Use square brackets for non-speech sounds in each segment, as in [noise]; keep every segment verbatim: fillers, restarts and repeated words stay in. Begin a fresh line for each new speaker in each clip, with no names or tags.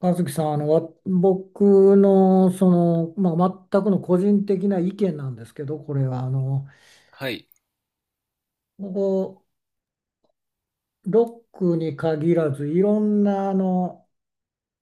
和樹さん、あの、わ僕の、その、まあ、全くの個人的な意見なんですけど、これは、あの、
はい、
ここ、ロックに限らず、いろんな、あの、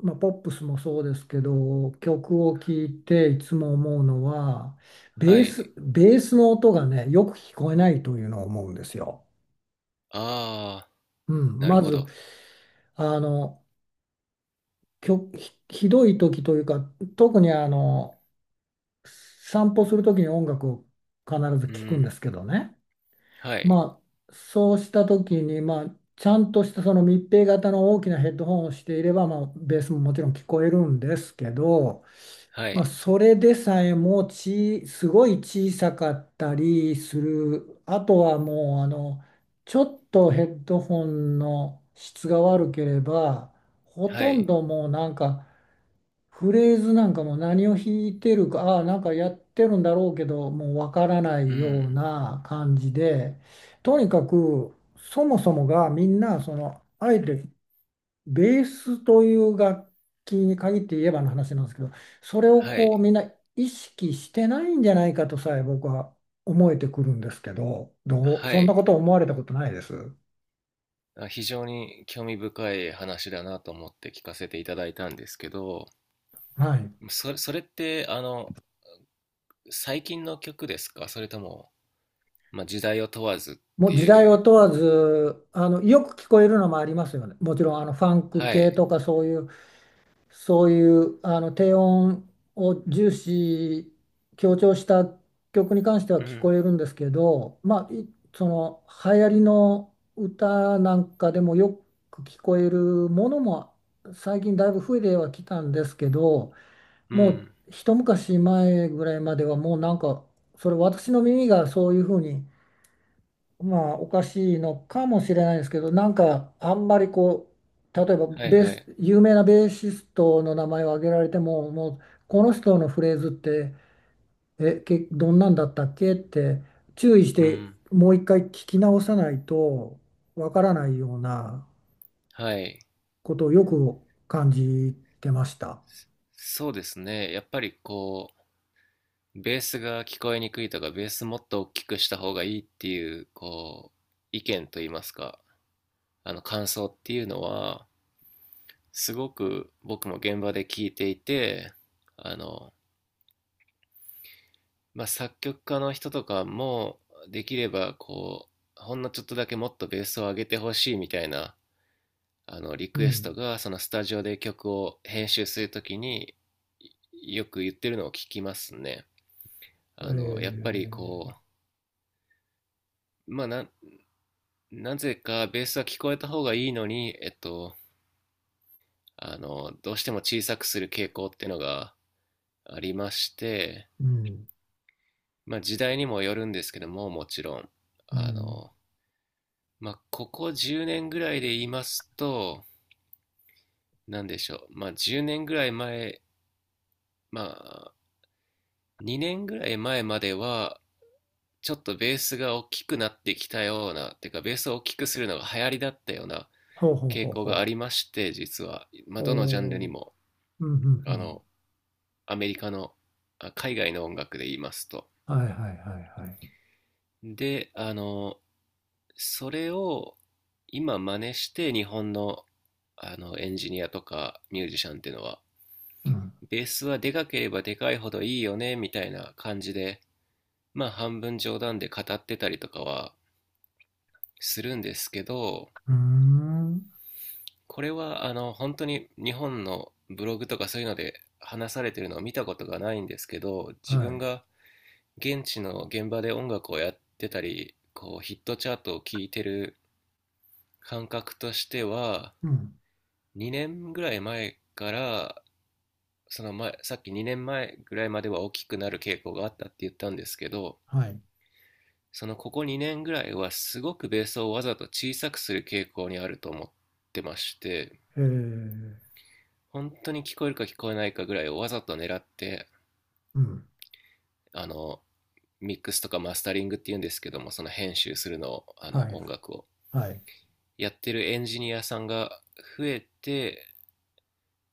まあ、ポップスもそうですけど、曲を聴いていつも思うのは、
は
ベー
い。
ス、ベースの音がね、よく聞こえないというのを思うんですよ。
ああ、
うん、
なる
ま
ほ
ず、
ど。
あの、曲ひ、ひどい時というか、特にあの、散歩する時に音楽を必ず
う
聞くん
ん、
ですけどね。
はい、
まあ、そうした時に、まあ、ちゃんとしたその密閉型の大きなヘッドホンをしていれば、まあ、ベースももちろん聞こえるんですけど、
は
まあ、
い、
それでさえもち、すごい小さかったりする。あとはもう、あの、ちょっとヘッドホンの質が悪ければ、ほ
は
とん
い、
どもうなんか、フレーズなんかも何を弾いてるか、ああ、なんかやってるんだろうけど、もうわからな
う
いよう
ん、
な感じで、とにかく、そもそもがみんな、その、あえてベースという楽器に限って言えばの話なんですけど、それを
は
こう
い、
みんな意識してないんじゃないかとさえ僕は思えてくるんですけど、どう、
は
そんな
い。
こと思われたことないです？
あ、非常に興味深い話だなと思って聞かせていただいたんですけど、
はい。
それ、それって、あの、最近の曲ですか？それとも、まあ、時代を問わずっ
もう
て
時
い
代
う。
を問わず、あの、よく聞こえるのもありますよね。もちろん、あの、ファンク
は
系
い。
とかそういう、そういう、あの、低音を重視、強調した曲に関しては
う
聞
ん、
こえるんですけど、まあ、いその、流行りの歌なんかでもよく聞こえるものも、最近だいぶ増えてはきたんですけど、
う
もう、
ん。
一昔前ぐらいまではもうなんか、それ私の耳がそういうふうにまあおかしいのかもしれないですけど、なんかあんまりこう、例えば
はい
ベー
はい。
ス、有名なベーシストの名前を挙げられても、もうこの人のフレーズって、え、け、どんなんだったっけって注意し
う
て
ん。
もう一回聞き直さないとわからないような
はい。
ことをよく感じてました。
そうですね。やっぱりこう、ベースが聞こえにくいとか、ベースもっと大きくした方がいいっていう、こう、意見といいますか、あの感想っていうのは、すごく僕も現場で聞いていて、あの、まあ、作曲家の人とかも、できれば、こう、ほんのちょっとだけもっとベースを上げてほしいみたいな、あの、リ
う
クエスト
ん。
が、そのスタジオで曲を編集するときに、よく言ってるのを聞きますね。
え
あの、やっぱり
ー、
こう、まあ、ななぜかベースは聞こえた方がいいのに、えっと、あの、どうしても小さくする傾向っていうのがありまして、
うん。
まあ時代にもよるんですけども、もちろん。
う
あ
ん。
の、まあここじゅうねんぐらいで言いますと、なんでしょう。まあじゅうねんぐらい前、まあにねんぐらい前までは、ちょっとベースが大きくなってきたような、てかベースを大きくするのが流行りだったような
ほうほう
傾
ほう
向があ
ほ
りまして、実は。ま
う。
あどのジャンル
お
に
ー
も。
うんうんう
あ
ん。
の、アメリカの、海外の音楽で言いますと。
はいはいはいはい。
で、あの、それを今真似して日本の、あのエンジニアとかミュージシャンっていうのは、
うん
ベースはでかければでかいほどいいよね、みたいな感じで、まあ半分冗談で語ってたりとかはするんですけど、
うーん。
これはあの本当に日本のブログとかそういうので話されてるのを見たことがないんですけど、自
は
分
い。
が現地の現場で音楽をやってたり、こうヒットチャートを聴いてる感覚としては、
うん。
にねんぐらい前から、その前、さっきにねんまえぐらいまでは大きくなる傾向があったって言ったんですけど、
はい。
そのここにねんぐらいはすごくベースをわざと小さくする傾向にあると思ってまして、
えー、
本当に聞こえるか聞こえないかぐらいをわざと狙って、
うん。
あの、ミックスとかマスタリングっていうんですけども、その編集するのを、あ
は
の
い。
音楽を。
はい。
やってるエンジニアさんが増えて、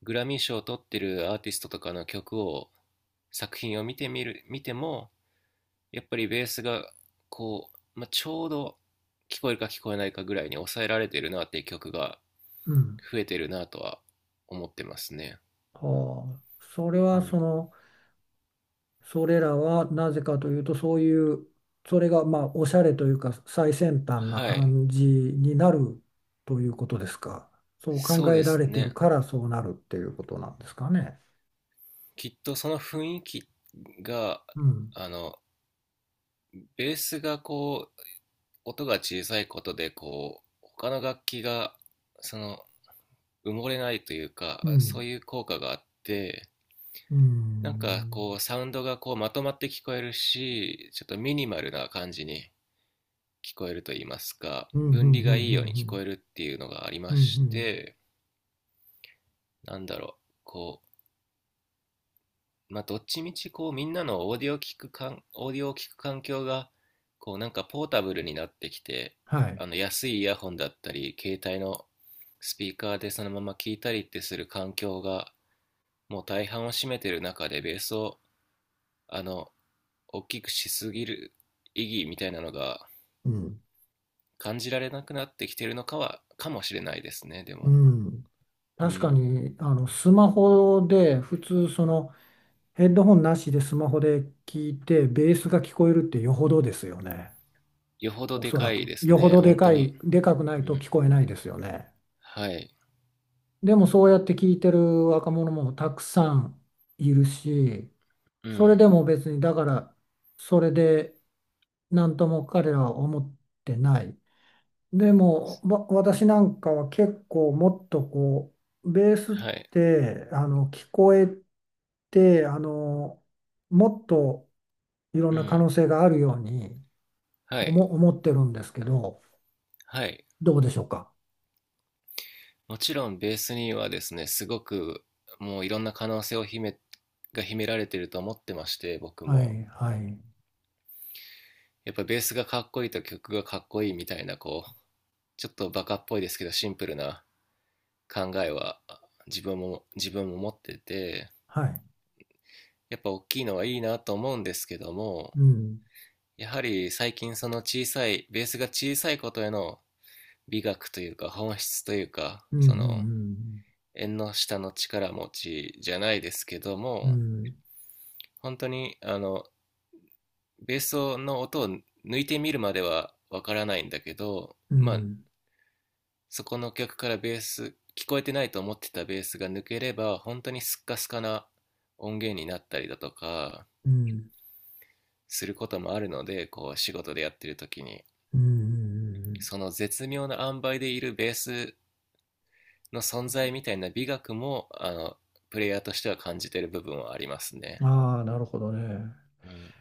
グラミー賞を取ってるアーティストとかの曲を、作品を見てみる、見ても、やっぱりベースが、こう、まあ、ちょうど聞こえるか聞こえないかぐらいに抑えられてるなっていう曲が
うん。
増えてるなとは思ってますね。
はあ。それは、
う
そ
ん。
の、それらはなぜかというと、そういう、それが、まあ、おしゃれというか、最先端な
はい。
感じになるということですか？そう考
そう
え
で
ら
す
れている
ね。
から、そうなるっていうことなんですかね？
きっとその雰囲気が、
うん。
あの、ベースがこう、音が小さいことで、こう、他の楽器が、その、埋もれないというか、
う
そう
ん。
いう効果があって、
う
なんか
ん。
こうサウンドがこうまとまって聞こえるし、ちょっとミニマルな感じに聞こえると言いますか、
うん。うん。う
分離がいいように聞こ
ん。
えるっていうのがあり
う
ま
ん。うん。う
し
ん
て、なんだろう、こう、まあどっちみちこうみんなのオーディオを聞くかん、オーディオを聞く環境がこうなんかポータブルになってきて、
はい。
あの安いイヤホンだったり、携帯のスピーカーでそのまま聞いたりってする環境がもう大半を占めてる中でベースを、あの、大きくしすぎる意義みたいなのが
うん。
感じられなくなってきてるのかは、かもしれないですね、で
う
も。
ん。
う
確か
ん。
に、あの、スマホで、普通、その、ヘッドホンなしでスマホで聞いて、ベースが聞こえるってよほどですよね。
よほど
お
で
そ
か
ら
い
く。
です
よほ
ね、
どで
本
か
当に。
い、でかくな
う
いと
ん。
聞こえないですよね。
はい。
でも、そうやって聞いてる若者もたくさんいるし、
う
それ
ん。
でも別に、だから、それで、なんとも彼らは思ってない。でも、わ私なんかは結構もっとこう、ベースっ
はい。
て、あの、聞こえて、あの、もっといろん
う
な可
ん。
能性があるように
は
思、
い。
思ってるんですけど、
はい。
どうでしょうか？
もちろんベースにはですね、すごくもういろんな可能性を秘め、が秘められてると思ってまして、僕
は
も。
い、はい、
やっぱベースがかっこいいと曲がかっこいいみたいな、こう、ちょっとバカっぽいですけどシンプルな考えは自分も自分も持ってて、
はい。
やっぱ大きいのはいいなと思うんですけども、
うん、
やはり最近その小さいベースが小さいことへの美学というか本質というか、
うん、う
その
ん、
縁の下の力持ちじゃないですけど
う
も、
ん、
本当にあのベースの音を抜いてみるまではわからないんだけど、
うん、う
まあ
ん、
そこの曲からベース聞こえてないと思ってたベースが抜ければ本当にスッカスカな音源になったりだとか
うん、
することもあるので、こう仕事でやってる時に、
うん、
その絶妙な塩梅でいるベースの存在みたいな美学も、あの、プレイヤーとしては感じてる部分はあります
う
ね。
ん。ああー、なるほどね。
うん。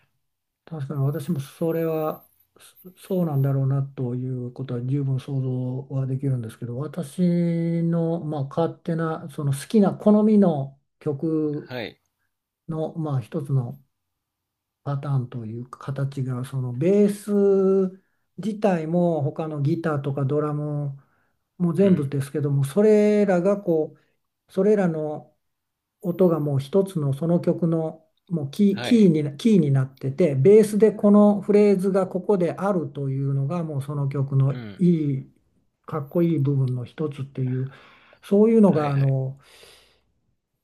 確かに私もそれはそそうなんだろうなということは十分想像はできるんですけど、私の、まあ、勝手なその好きな好みの曲
はい。
の、まあ、一つのパターンというか形が、そのベース自体も他のギターとかドラムも
う
全部
ん。
ですけども、それらがこうそれらの音がもう一つのその曲のもうキー、
は
キー
い。
に、キーになってて、ベースでこのフレーズがここであるというのがもうその曲の
う
い
ん。
い、かっこいい部分の一つっていう、そういうの
は
が
い
あ
はい。
の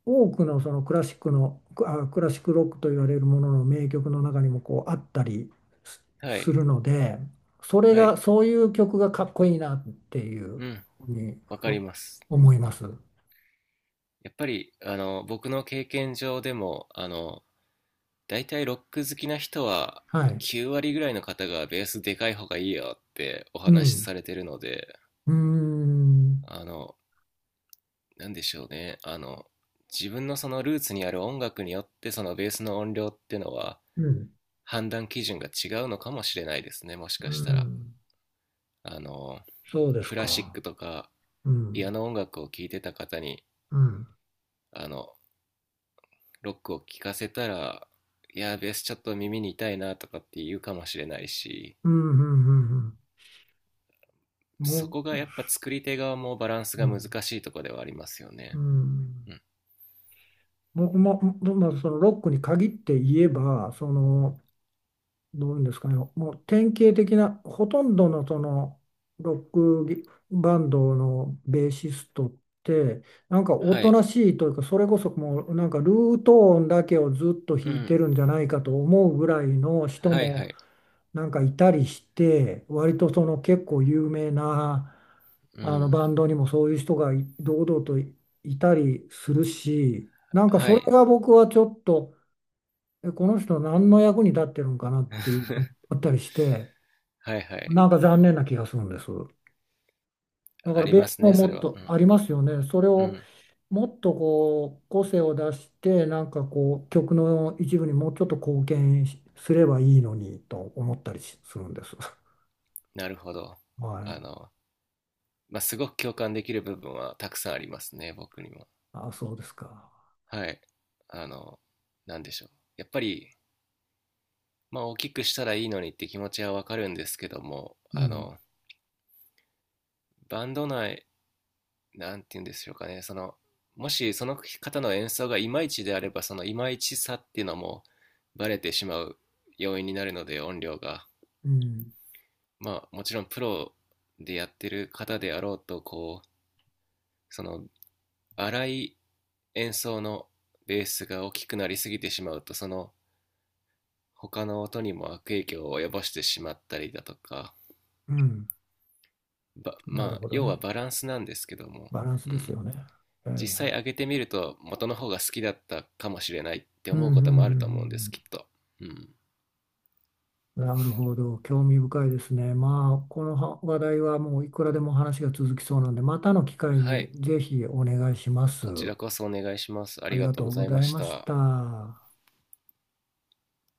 多くのそのクラシックの、あクラシックロックと言われるものの名曲の中にもこうあったりす
は
す
い。
るので、それ
は
が、
い。
そういう曲がかっこいいなっていう
うん。
ふうに
わか
お
ります。
思い
う
ま
ん。
す。
やっぱり、あの、僕の経験上でも、あの、だいたいロック好きな人は、
はい。
きゅう割ぐらいの方がベースでかい方がいいよってお
う
話し
ん。
されてるので、
うーん。
あの、なんでしょうね、あの、自分のそのルーツにある音楽によってそのベースの音量っていうのは
うん、
判断基準が違うのかもしれないですね、もし
う
かしたら。
ん、
あの
そうです
クラシッ
か。
クとか
う
ピア
ん、
ノ音楽を聴いてた方に、
うん、
あのロックを聴かせたら、いやベースちょっと耳に痛いなとかって言うかもしれないし、
うん、うん、うん、うん
そ
も
こ
う、
がやっぱ作り手側もバランス
う
が難
ん、
しいところではありますよ
う
ね。
ん。
うん。
僕も、ままあ、そのロックに限って言えば、その、どういうんですかね、もう典型的な、ほとんどのそのロックギバンドのベーシストって、なんかお
は
と
い。
なしいというか、それこそもうなんかルート音だけをずっと
う
弾いて
ん。
るんじゃないかと思うぐらいの人
はい。は
も
い。
なんかいたりして、割とその結構有名な
う
あの
ん。
バンドにもそういう人がい堂々といいたりするし、なんか
は
それ
い。
が僕はちょっと。え、この人何の役に立ってるんかなっていうのが
[laughs]
あったりして、
はいはい。
なんか残念な気がするんです。だか
あ
ら
り
ベ
ま
ース
す
も
ね、そ
も
れ
っ
は。
とありますよね。それ
うん。う
を
ん。
もっとこう個性を出して、なんかこう曲の一部にもうちょっと貢献しすればいいのにと思ったりしするんです。[laughs]
なるほど。
はい。
あの、まあ、すごく共感できる部分はたくさんありますね、僕にも。
あ、そうですか。
はい。あの、なんでしょう。やっぱり、まあ、大きくしたらいいのにって気持ちはわかるんですけども、
う
あ
ん。
の、バンド内、なんて言うんでしょうかね、その、もしその方の演奏がいまいちであれば、そのいまいちさっていうのもバレてしまう要因になるので、音量が。
うん。
まあ、もちろんプロでやってる方であろうと、こう、その荒い演奏のベースが大きくなりすぎてしまうと、その他の音にも悪影響を及ぼしてしまったりだとか、
うん。
ば
な
ま
る
あ
ほど
要は
ね。
バランスなんですけども、
バランス
う
です
ん、
よね。はいはい。
実際上げてみると元の方が好きだったかもしれないって
うんう
思
ん
う
うん
こ
う
ともある
ん
と思うんで
う
すき
ん。
っと、うん、
なるほど。興味深いですね。まあ、このは話題はもういくらでも話が続きそうなんで、またの機会
は
に
い、
ぜひお願いします。
こちらこそお願いします、あ
あ
り
り
が
が
と
と
う
う
ござ
ご
い
ざ
ま
い
し
まし
た。
た。